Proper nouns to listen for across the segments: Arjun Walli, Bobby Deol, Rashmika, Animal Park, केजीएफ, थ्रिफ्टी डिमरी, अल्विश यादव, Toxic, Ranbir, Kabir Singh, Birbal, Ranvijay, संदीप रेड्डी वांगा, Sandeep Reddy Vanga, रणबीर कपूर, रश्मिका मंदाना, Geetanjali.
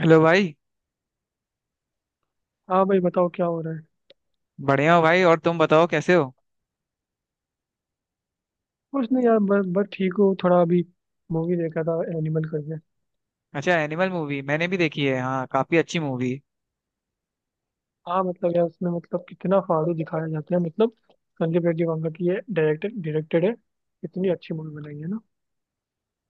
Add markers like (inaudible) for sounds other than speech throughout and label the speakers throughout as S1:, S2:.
S1: Hello भाई।
S2: हाँ भाई, बताओ क्या हो रहा है।
S1: बढ़िया हो भाई, और तुम बताओ कैसे हो।
S2: कुछ नहीं यार, बस बस ठीक हूँ थोड़ा अभी। मूवी देखा था एनिमल करके।
S1: अच्छा, एनिमल मूवी मैंने भी देखी है, हाँ काफी अच्छी मूवी।
S2: हाँ मतलब यार, उसमें मतलब कितना फालतू दिखाया जाता है मतलब। संदीप रेड्डी वांगा की ये डायरेक्टर डायरेक्टेड है। इतनी अच्छी मूवी बनाई है ना।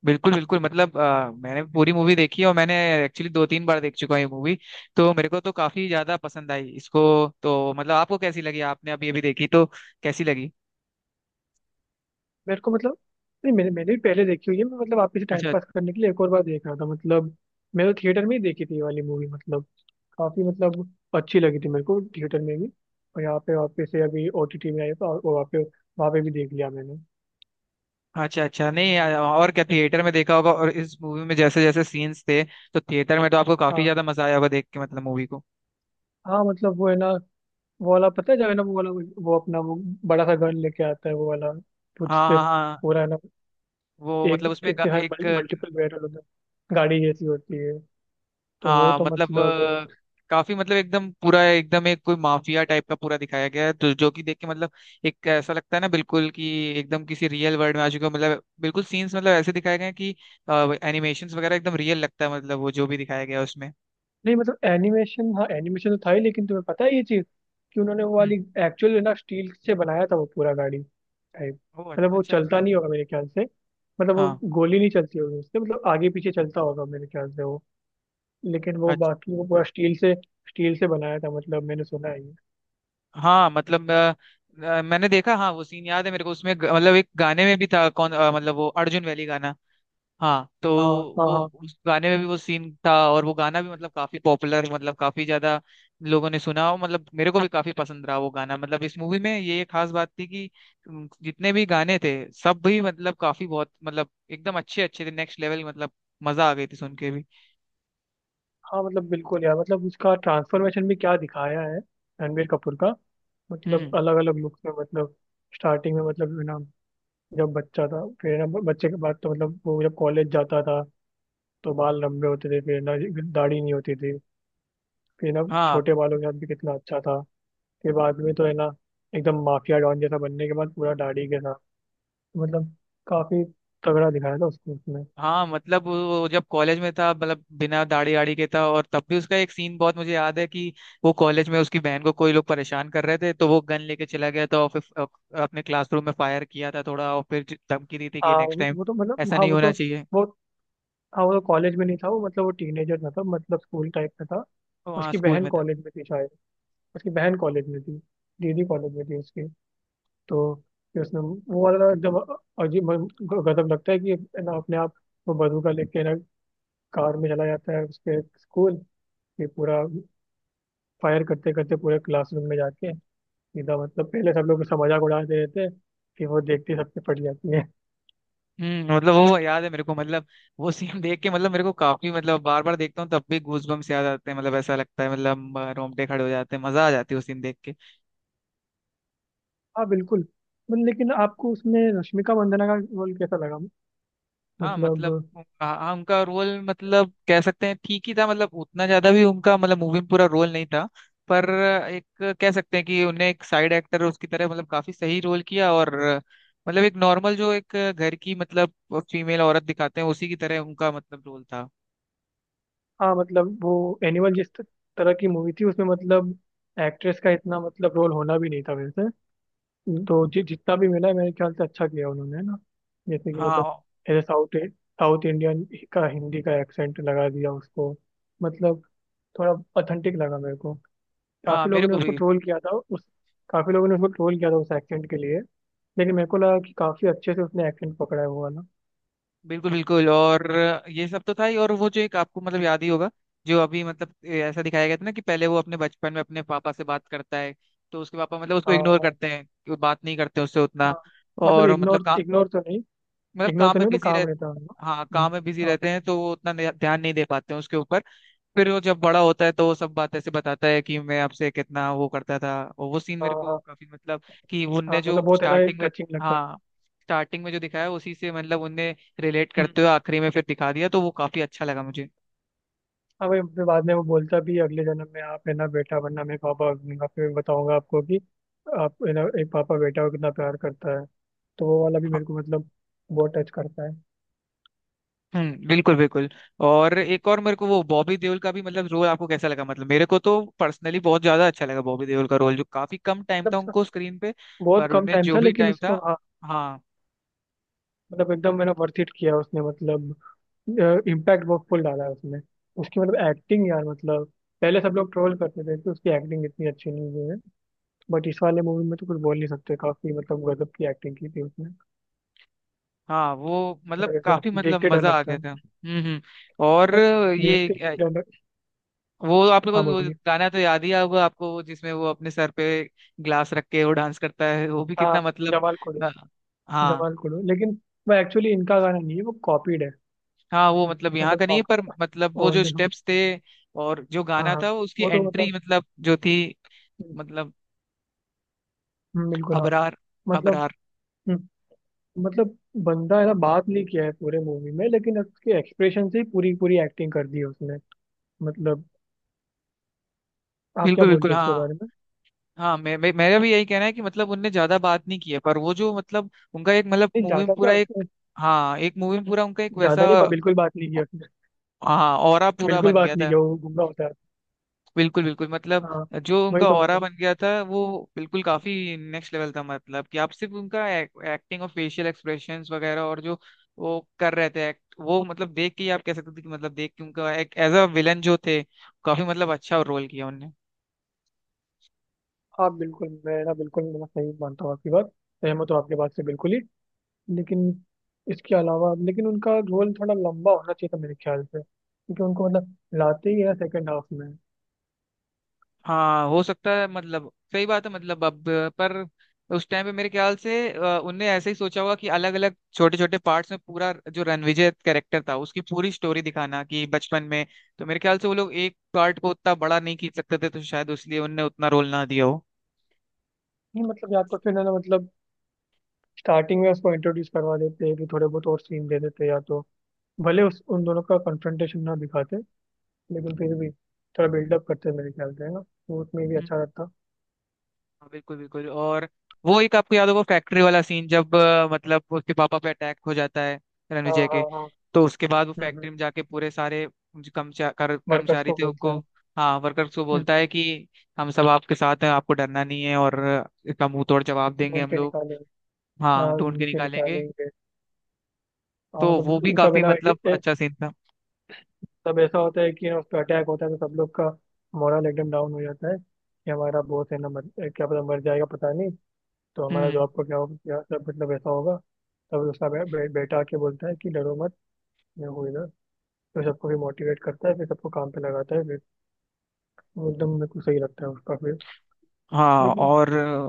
S1: बिल्कुल बिल्कुल मतलब मैंने भी पूरी मूवी देखी है, और मैंने एक्चुअली दो तीन बार देख चुका हूँ ये मूवी। तो मेरे को तो काफी ज्यादा पसंद आई इसको। तो मतलब आपको कैसी लगी? आपने अभी अभी देखी तो कैसी लगी?
S2: मेरे को मतलब। नहीं, मैंने मैंने भी पहले देखी हुई है, मैं मतलब आप इसे टाइम
S1: अच्छा
S2: पास करने के लिए एक और बार देख रहा था मतलब। मैंने तो थिएटर में ही देखी थी ये वाली मूवी मतलब। काफ़ी मतलब। अच्छी लगी थी मेरे को थिएटर में भी। और यहाँ पे वापस से अभी ओटीटी में आई तो, और वहाँ पे भी देख लिया मैंने।
S1: अच्छा अच्छा, नहीं (laughs) और क्या, थिएटर में देखा होगा, और इस मूवी में जैसे जैसे सीन्स थे, तो थिएटर में तो आपको काफी
S2: हाँ।
S1: ज्यादा मजा आया होगा देख के, मतलब मूवी को।
S2: हाँ मतलब वो है ना। वो वाला पता है, जो है ना, वो वाला वो अपना वो। बड़ा सा गन लेके आता है वो वाला। कुछ
S1: हाँ
S2: से।
S1: हाँ हाँ।
S2: पूरा है ना।
S1: वो
S2: एक।
S1: मतलब उसमें
S2: इसके हाँ।
S1: एक।
S2: मल्टीपल बैरल होता है, गाड़ी जैसी होती है। तो वो
S1: हाँ
S2: तो
S1: मतलब
S2: मतलब।
S1: काफी मतलब एकदम पूरा, एकदम एक कोई माफिया टाइप का पूरा दिखाया गया है, तो जो कि देख के मतलब एक ऐसा लगता है ना, बिल्कुल कि एकदम किसी रियल वर्ल्ड में आ चुके हो, मतलब बिल्कुल सीन्स मतलब ऐसे दिखाए गए हैं कि एनिमेशंस वगैरह एकदम रियल लगता है, मतलब वो जो भी दिखाया गया है उसमें।
S2: नहीं मतलब एनिमेशन, हाँ एनिमेशन तो था ही, लेकिन तुम्हें पता है ये चीज कि उन्होंने वो
S1: हम्म।
S2: वाली एक्चुअल ना स्टील से बनाया था वो पूरा गाड़ी टाइप।
S1: ओ,
S2: मतलब वो
S1: अच्छा
S2: चलता
S1: अच्छा।
S2: नहीं होगा मेरे ख्याल से। मतलब वो
S1: हाँ,
S2: गोली नहीं चलती होगी उससे, मतलब आगे पीछे चलता होगा मेरे ख्याल से वो। लेकिन वो
S1: अच्छा।
S2: बाकी वो पूरा स्टील से बनाया था मतलब, मैंने सुना है ये।
S1: हाँ मतलब मैंने देखा, हाँ वो सीन याद है मेरे को उसमें मतलब एक गाने में भी था कौन, मतलब वो अर्जुन वैली गाना। हाँ तो
S2: हाँ हाँ
S1: वो,
S2: हाँ।
S1: उस गाने में भी वो सीन था, और वो गाना भी मतलब काफी पॉपुलर, मतलब काफी ज्यादा लोगों ने सुना, और मतलब मेरे को भी काफी पसंद रहा वो गाना। मतलब इस मूवी में ये एक खास बात थी कि जितने भी गाने थे सब भी मतलब काफी बहुत, मतलब एकदम अच्छे अच्छे थे नेक्स्ट लेवल, मतलब मजा आ गई थी सुन के भी।
S2: हाँ मतलब बिल्कुल यार, मतलब उसका ट्रांसफॉर्मेशन भी क्या दिखाया है रणबीर कपूर का। मतलब
S1: हम्म।
S2: अलग अलग लुक्स में मतलब। स्टार्टिंग में मतलब है ना, जब बच्चा था, फिर है ना बच्चे के बाद तो मतलब वो जब कॉलेज जाता था तो बाल लंबे होते थे फिर ना। दाढ़ी नहीं होती थी। फिर ना,
S1: हाँ
S2: छोटे बालों के साथ भी कितना अच्छा था। फिर बाद में तो है ना, एकदम माफिया डॉन जैसा बनने के बाद पूरा दाढ़ी के साथ, मतलब काफी तगड़ा दिखाया था उसको उसमें।
S1: हाँ मतलब वो जब कॉलेज में था मतलब बिना दाढ़ी आड़ी के था, और तब भी उसका एक सीन बहुत मुझे याद है कि वो कॉलेज में उसकी बहन को कोई लोग परेशान कर रहे थे, तो वो गन लेके चला गया था और फिर अपने क्लासरूम में फायर किया था थोड़ा, और फिर धमकी दी थी कि
S2: हाँ
S1: नेक्स्ट टाइम
S2: वो तो मतलब,
S1: ऐसा
S2: हाँ
S1: नहीं
S2: वो
S1: होना
S2: तो
S1: चाहिए।
S2: बहुत। हाँ वो तो कॉलेज में नहीं था वो, मतलब वो टीनेजर था तब, मतलब स्कूल टाइप का था।
S1: तो वहाँ
S2: उसकी
S1: स्कूल
S2: बहन
S1: में था।
S2: कॉलेज में थी शायद। उसकी बहन कॉलेज में थी। दीदी कॉलेज में थी उसकी। तो फिर उसने वो वाला जब, अजीब गजब लगता है कि है ना अपने आप वो बंदूका लेके ना कार में चला जाता है उसके स्कूल, फिर पूरा फायर करते करते पूरे क्लासरूम में जाके सीधा। मतलब पहले सब लोग उसका मजाक उड़ाते रहते हैं, फिर वो देखते ही सबसे फट जाती है।
S1: मतलब वो याद है मेरे को, मतलब वो सीन देख के मतलब मेरे को काफी मतलब बार बार देखता हूँ तब भी गूज बम्स याद आते हैं, मतलब ऐसा लगता है मतलब रोंगटे खड़े हो जाते हैं, मजा आ जाती है वो सीन देख के।
S2: हाँ बिल्कुल। मतलब लेकिन आपको उसमें रश्मिका मंदाना का रोल कैसा लगा?
S1: हाँ
S2: मतलब।
S1: मतलब हाँ उनका रोल मतलब कह सकते हैं ठीक ही था, मतलब उतना ज्यादा भी उनका मतलब मूवी में पूरा रोल नहीं था। पर एक कह सकते हैं कि उन्हें एक साइड एक्टर उसकी तरह मतलब काफी सही रोल किया, और मतलब एक नॉर्मल जो एक घर की मतलब फीमेल औरत दिखाते हैं उसी की तरह उनका मतलब रोल था।
S2: हाँ मतलब वो एनिमल जिस तरह की मूवी थी उसमें मतलब एक्ट्रेस का इतना मतलब रोल होना भी नहीं था वैसे। हम्म। तो जितना भी मिला है, मेरे ख्याल से अच्छा किया उन्होंने है ना। जैसे कि मतलब,
S1: हाँ,
S2: ऐसे साउथ साउथ इंडियन का हिंदी का एक्सेंट लगा दिया उसको। मतलब थोड़ा ऑथेंटिक लगा मेरे को।
S1: हाँ
S2: काफी
S1: मेरे
S2: लोगों ने
S1: को
S2: उसको
S1: भी।
S2: ट्रोल किया था उस, काफी लोगों ने उसको ट्रोल किया था उस एक्सेंट के लिए। लेकिन मेरे को लगा कि काफी अच्छे से उसने एक्सेंट पकड़ा है वो वाला।
S1: बिल्कुल बिल्कुल। और ये सब तो था ही, और वो जो एक आपको मतलब याद ही होगा, जो अभी मतलब ऐसा दिखाया गया था ना कि पहले वो अपने बचपन में अपने पापा से बात करता है, तो उसके पापा मतलब उसको
S2: हाँ
S1: इग्नोर
S2: हाँ
S1: करते हैं कि वो बात नहीं करते उससे उतना,
S2: हाँ। मतलब
S1: और मतलब
S2: इग्नोर इग्नोर तो नहीं,
S1: मतलब
S2: इग्नोर
S1: काम
S2: तो
S1: में
S2: नहीं, मतलब
S1: बिजी रह।
S2: काम रहता है उनका।
S1: हाँ काम में बिजी
S2: हम्म।
S1: रहते हैं, तो वो उतना ध्यान नहीं दे पाते हैं उसके ऊपर। फिर वो जब बड़ा होता है तो वो सब बात ऐसे बताता है कि मैं आपसे कितना वो करता था, और वो सीन
S2: हाँ
S1: मेरे को
S2: हाँ
S1: काफी मतलब कि
S2: हाँ
S1: उनने जो
S2: मतलब बहुत है ना,
S1: स्टार्टिंग में,
S2: टचिंग लगता है।
S1: हाँ स्टार्टिंग में जो दिखाया उसी से मतलब उनने रिलेट
S2: हम्म।
S1: करते हुए आखिरी में फिर दिखा दिया, तो वो काफी अच्छा लगा मुझे।
S2: हाँ भाई, फिर बाद में वो बोलता भी है, अगले जन्म में आप है ना बेटा बनना, मैं पापा बनूंगा, फिर बताऊंगा आपको कि आप है ना एक पापा बेटा को कितना प्यार करता है। तो वो वाला भी मेरे को मतलब बहुत टच करता है।
S1: हम्म। बिल्कुल बिल्कुल। और एक और मेरे को वो बॉबी देओल का भी मतलब रोल आपको कैसा लगा? मतलब मेरे को तो पर्सनली बहुत ज्यादा अच्छा लगा बॉबी देओल का रोल, जो काफी कम टाइम
S2: मतलब
S1: था
S2: उसका
S1: उनको स्क्रीन पे,
S2: बहुत
S1: पर
S2: कम
S1: उन्हें
S2: टाइम
S1: जो
S2: था
S1: भी
S2: लेकिन
S1: टाइम
S2: उसको,
S1: था,
S2: हाँ,
S1: हाँ
S2: मतलब एकदम मैंने वर्थ इट किया उसने, मतलब इम्पैक्ट बहुत फुल डाला है उसने। उसकी मतलब एक्टिंग यार, मतलब पहले सब लोग ट्रोल करते थे कि उसकी एक्टिंग इतनी अच्छी नहीं हुई है, बट इस वाले मूवी में तो कुछ बोल नहीं सकते, काफी मतलब गजब की एक्टिंग की थी उसने।
S1: हाँ वो मतलब
S2: मतलब
S1: काफी
S2: एकदम
S1: मतलब
S2: देखते डर
S1: मजा आ
S2: लगता
S1: गया
S2: है,
S1: था। हम्म। और
S2: मतलब
S1: ये
S2: देखते ही डर लग।
S1: वो आप लोगों
S2: हाँ
S1: को वो
S2: बोलिए।
S1: गाना तो याद ही होगा आपको, वो जिसमें वो अपने सर पे ग्लास रख के वो डांस करता है, वो भी
S2: हाँ,
S1: कितना मतलब,
S2: जमाल को
S1: अ,
S2: देख।
S1: हाँ।
S2: जमाल को देख, लेकिन वो एक्चुअली इनका गाना नहीं है, वो कॉपीड है।
S1: हाँ वो मतलब यहाँ का नहीं है,
S2: मतलब
S1: पर मतलब वो जो
S2: ओल्ड।
S1: स्टेप्स थे, और जो
S2: हाँ
S1: गाना
S2: हाँ,
S1: था वो उसकी
S2: वो तो
S1: एंट्री
S2: मतलब।
S1: मतलब जो थी, मतलब
S2: बिल्कुल हाँ।
S1: अबरार
S2: मतलब।
S1: अबरार।
S2: हम्म। मतलब बंदा है ना बात नहीं किया है पूरे मूवी में, लेकिन उसके एक्सप्रेशन से ही पूरी पूरी एक्टिंग कर दी है उसने। मतलब आप क्या
S1: बिल्कुल बिल्कुल
S2: बोलते हो उसके
S1: हाँ।
S2: बारे में?
S1: हाँ मैं मेरा भी यही कहना है कि मतलब उनने ज्यादा बात नहीं की है, पर वो जो मतलब उनका एक मतलब
S2: नहीं
S1: मूवी में
S2: ज्यादा क्या
S1: पूरा
S2: उसने,
S1: एक, हाँ एक मूवी में पूरा उनका एक
S2: ज्यादा
S1: वैसा,
S2: नहीं, बिल्कुल बात नहीं की उसने।
S1: हाँ ऑरा पूरा
S2: बिल्कुल
S1: बन गया
S2: बात नहीं
S1: था।
S2: किया, वो गुंगा होता है।
S1: बिल्कुल बिल्कुल मतलब
S2: हाँ,
S1: जो
S2: वही
S1: उनका
S2: तो
S1: ऑरा
S2: मतलब।
S1: बन गया था वो बिल्कुल काफी नेक्स्ट लेवल था, मतलब कि आप सिर्फ उनका एक्टिंग और फेशियल एक्सप्रेशंस वगैरह, और जो वो कर रहे थे एक्ट, वो मतलब देख के ही आप कह सकते थे कि मतलब देख के उनका एक एज अ विलन जो थे काफी मतलब अच्छा रोल किया उनने।
S2: हाँ बिल्कुल, मैं ना, बिल्कुल मैं सही मानता हूँ आपकी बात, सहमत हूँ आपके बात से बिल्कुल ही। लेकिन इसके अलावा, लेकिन उनका रोल थोड़ा लंबा होना चाहिए था मेरे ख्याल से, क्योंकि उनको मतलब लाते ही है सेकंड हाफ में।
S1: हाँ हो सकता है, मतलब सही बात है मतलब अब, पर उस टाइम पे मेरे ख्याल से उनने ऐसे ही सोचा होगा कि अलग अलग छोटे छोटे पार्ट्स में पूरा जो रणविजय कैरेक्टर था उसकी पूरी स्टोरी दिखाना कि बचपन में, तो मेरे ख्याल से वो लोग एक पार्ट को उतना बड़ा नहीं खींच सकते थे, तो शायद उसलिए उनने उतना रोल ना दिया हो।
S2: नहीं मतलब या तो फिर है ना, मतलब स्टार्टिंग में उसको इंट्रोड्यूस करवा देते कि थोड़े बहुत और सीन दे देते, या तो भले उस उन दोनों का कन्फ्रंटेशन ना दिखाते, लेकिन फिर भी थोड़ा बिल्डअप करते मेरे ख्याल से है ना, वो उसमें भी अच्छा रहता।
S1: हाँ, बिल्कुल बिल्कुल। और वो एक आपको याद होगा फैक्ट्री वाला सीन, जब मतलब उसके पापा पे अटैक हो जाता है
S2: हाँ
S1: रणविजय
S2: हाँ
S1: के,
S2: हाँ।
S1: तो उसके बाद वो
S2: हम्म।
S1: फैक्ट्री में जाके पूरे सारे जो
S2: वर्कर्स
S1: कर्मचारी
S2: को
S1: थे
S2: बोलता
S1: उनको,
S2: है।
S1: हाँ वर्कर्स को बोलता
S2: हम्म।
S1: है कि हम सब आपके साथ हैं, आपको डरना नहीं है, और इसका मुंह तोड़ जवाब देंगे
S2: ढूंढ
S1: हम
S2: के
S1: लोग।
S2: निकालेंगे।
S1: हाँ
S2: हाँ
S1: ढूंढ के
S2: ढूंढ के
S1: निकालेंगे।
S2: निकालेंगे। हाँ
S1: तो वो भी
S2: मतलब तब है
S1: काफी
S2: ना,
S1: मतलब अच्छा सीन था।
S2: तब ऐसा होता है कि ना उस पर अटैक होता है तो सब लोग का मोरल एकदम डाउन हो जाता है कि हमारा बॉस है ना क्या पता मर जाएगा, पता नहीं, तो हमारा
S1: हम्म
S2: जॉब को क्या हो क्या सब, मतलब ऐसा होगा। तब उसका बे, बे, बेटा आके बोलता है कि डरो मत, मैं हूँ इधर, तो सबको फिर मोटिवेट करता है, फिर सबको काम पे लगाता है, फिर वो एकदम मेरे को सही लगता है उसका फिर।
S1: हाँ
S2: लेकिन
S1: और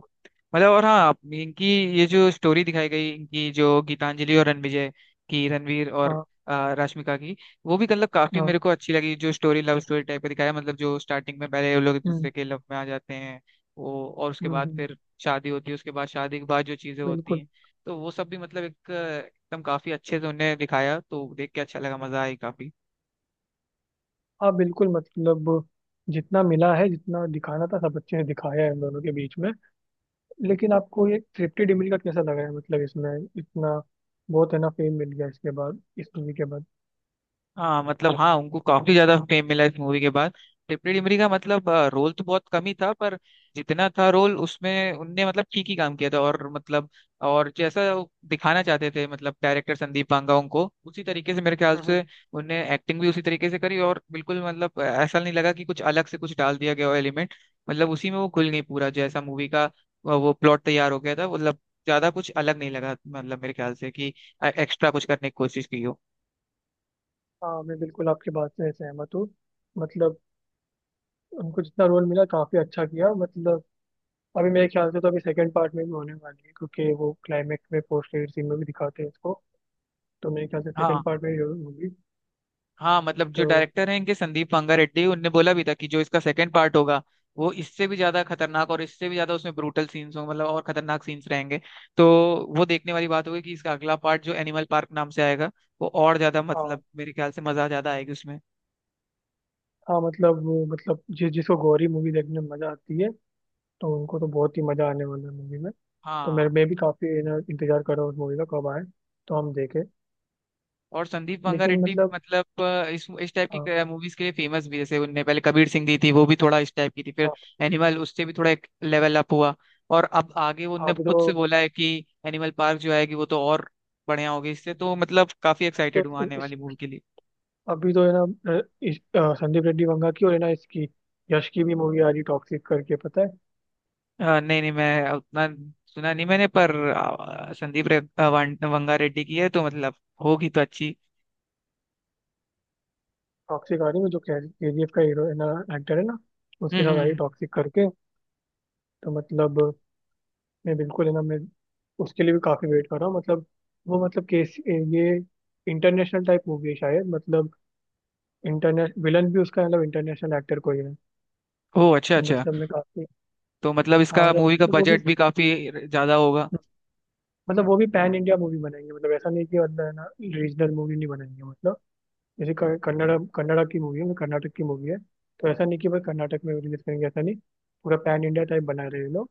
S1: मतलब और हाँ इनकी, ये जो स्टोरी दिखाई गई इनकी जो गीतांजलि और रणविजय की, रणवीर और
S2: हाँ
S1: रश्मिका की, वो भी मतलब काफी मेरे
S2: हाँ।
S1: को अच्छी लगी, जो स्टोरी लव स्टोरी टाइप का दिखाया, मतलब जो स्टार्टिंग में पहले वो लोग एक
S2: हम्म
S1: दूसरे के लव में आ जाते हैं वो, और उसके
S2: हम्म
S1: बाद
S2: हम्म,
S1: फिर शादी होती है, उसके बाद शादी के बाद जो चीजें होती
S2: बिल्कुल
S1: हैं, तो वो सब भी मतलब एक एकदम काफी अच्छे से उन्हें दिखाया, तो देख के अच्छा लगा, मजा आई काफी।
S2: हाँ बिल्कुल। मतलब जितना मिला है जितना दिखाना था सब अच्छे से दिखाया है इन दोनों के बीच में। लेकिन आपको ये थ्रिफ्टी डिमरी का कैसा लगा है मतलब इसमें? इतना बहुत है ना फेम मिल गया इसके बाद, इस मूवी के बाद।
S1: हाँ मतलब हाँ उनको काफी ज्यादा फेम मिला इस मूवी के बाद। टिपरी डिमरी का मतलब रोल तो बहुत कम ही था, पर जितना था रोल उसमें उनने मतलब ठीक ही काम किया था, और मतलब, और जैसा वो दिखाना चाहते थे मतलब डायरेक्टर संदीप पांगा, उनको उसी तरीके से मेरे ख्याल
S2: हम्म हम्म।
S1: से उनने एक्टिंग भी उसी तरीके से करी, और बिल्कुल मतलब ऐसा नहीं लगा कि कुछ अलग से कुछ डाल दिया गया हो एलिमेंट, मतलब उसी में वो घुल गई पूरा जैसा मूवी का वो प्लॉट तैयार हो गया था, मतलब ज्यादा कुछ अलग नहीं लगा, मतलब मेरे ख्याल से कि एक्स्ट्रा कुछ करने की कोशिश की हो।
S2: हाँ मैं बिल्कुल आपकी बात से सहमत हूँ। मतलब उनको जितना रोल मिला काफी अच्छा किया। मतलब अभी मेरे ख्याल से तो अभी सेकंड पार्ट में भी होने वाली है, क्योंकि वो क्लाइमेक्स में पोस्ट क्रेडिट सीन में भी दिखाते हैं इसको, तो मेरे ख्याल से सेकंड
S1: हाँ।
S2: पार्ट में ही होगी।
S1: हाँ मतलब जो
S2: तो
S1: डायरेक्टर हैं इनके संदीप रंगारेड्डी, उनने बोला भी था कि जो इसका सेकंड पार्ट होगा, वो इससे भी ज्यादा खतरनाक और इससे भी ज्यादा उसमें ब्रूटल सीन्स होंगे, मतलब और खतरनाक सीन्स रहेंगे। तो वो देखने वाली बात होगी कि इसका अगला पार्ट जो एनिमल पार्क नाम से आएगा, वो और ज्यादा
S2: हाँ
S1: मतलब मेरे ख्याल से मजा ज्यादा आएगी उसमें।
S2: हाँ, मतलब वो, मतलब जिसको गौरी मूवी देखने में मजा आती है, तो उनको तो बहुत ही मजा आने वाला है मूवी में। तो
S1: हाँ।
S2: मेरे मैं भी काफी इंतजार कर रहा हूँ उस मूवी का कब आए तो हम देखें।
S1: और संदीप मंगा
S2: लेकिन
S1: रेड्डी
S2: मतलब,
S1: मतलब इस टाइप
S2: हाँ
S1: की मूवीज के लिए फेमस भी है। जैसे उनने पहले कबीर सिंह दी थी वो भी थोड़ा इस टाइप की थी, फिर
S2: हाँ।
S1: एनिमल उससे भी थोड़ा एक लेवल अप हुआ, और अब आगे वो उनने
S2: अभी
S1: खुद से बोला है कि एनिमल पार्क जो आएगी वो तो और बढ़िया होगी इससे, तो मतलब काफी
S2: तो
S1: एक्साइटेड हूँ आने
S2: इस,
S1: वाली मूवी के लिए।
S2: अभी तो है ना, संदीप रेड्डी वंगा की, और है ना इसकी, यश की भी मूवी आ रही टॉक्सिक करके, पता है?
S1: नहीं नहीं, मैं उतना सुना नहीं मैंने, पर संदीप रे, अ, वां- वंगा रेड्डी की है तो मतलब होगी तो अच्छी।
S2: टॉक्सिक आ रही है, जो केजीएफ का हीरो है ना, एक्टर है ना, उसके
S1: हम्म
S2: साथ आ
S1: हम्म
S2: रही
S1: हम्म।
S2: टॉक्सिक करके। तो मतलब मैं बिल्कुल है ना, मैं उसके लिए भी काफी वेट कर रहा हूँ। मतलब वो मतलब केस ये इंटरनेशनल टाइप मूवी है शायद, मतलब इंटरनेश विलन भी उसका, मतलब इंटरनेशनल एक्टर कोई है।
S1: ओह अच्छा
S2: तो
S1: अच्छा।
S2: मतलब मैं काफी।
S1: तो मतलब
S2: हाँ
S1: इसका
S2: मतलब,
S1: मूवी का
S2: वो भी,
S1: बजट भी काफी ज्यादा होगा।
S2: मतलब वो भी पैन इंडिया मूवी बनाएंगे, मतलब ऐसा नहीं कि मतलब है ना रीजनल मूवी नहीं बनाएंगे, मतलब जैसे कन्नड़ा कन्नड़ा की मूवी है, मतलब कर्नाटक की मूवी है तो ऐसा नहीं कि बस कर्नाटक में रिलीज करेंगे, ऐसा नहीं। पूरा पैन इंडिया टाइप बना रहे हैं ये लोग,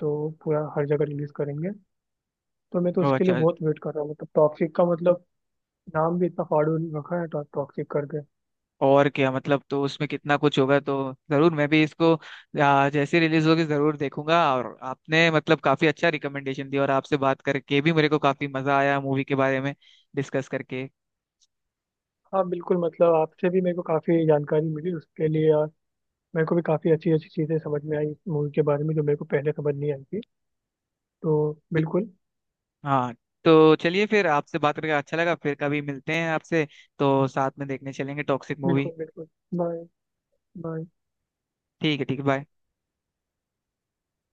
S2: तो पूरा हर जगह रिलीज करेंगे। तो मैं तो
S1: ओह
S2: उसके लिए
S1: अच्छा।
S2: बहुत वेट कर रहा हूँ मतलब टॉक्सिक का, मतलब नाम भी इतना फाड़ू रखा है, टॉक्सिक करके।
S1: और क्या मतलब, तो उसमें कितना कुछ होगा, तो जरूर मैं भी इसको जैसे रिलीज होगी जरूर देखूंगा, और आपने मतलब काफी अच्छा रिकमेंडेशन दिया, और आपसे बात करके भी मेरे को काफी मजा आया मूवी के बारे में डिस्कस करके।
S2: हाँ बिल्कुल, मतलब आपसे भी मेरे को काफी जानकारी मिली उसके लिए, मेरे को भी काफ़ी अच्छी अच्छी चीज़ें समझ में आई इस मूवी के बारे में जो मेरे को पहले समझ नहीं आई थी, तो
S1: भी-
S2: बिल्कुल
S1: हाँ तो चलिए, फिर आपसे बात करके अच्छा लगा, फिर कभी मिलते हैं आपसे, तो साथ में देखने चलेंगे टॉक्सिक मूवी।
S2: बिल्कुल बिल्कुल। बाय। बाय।
S1: ठीक है ठीक है, बाय।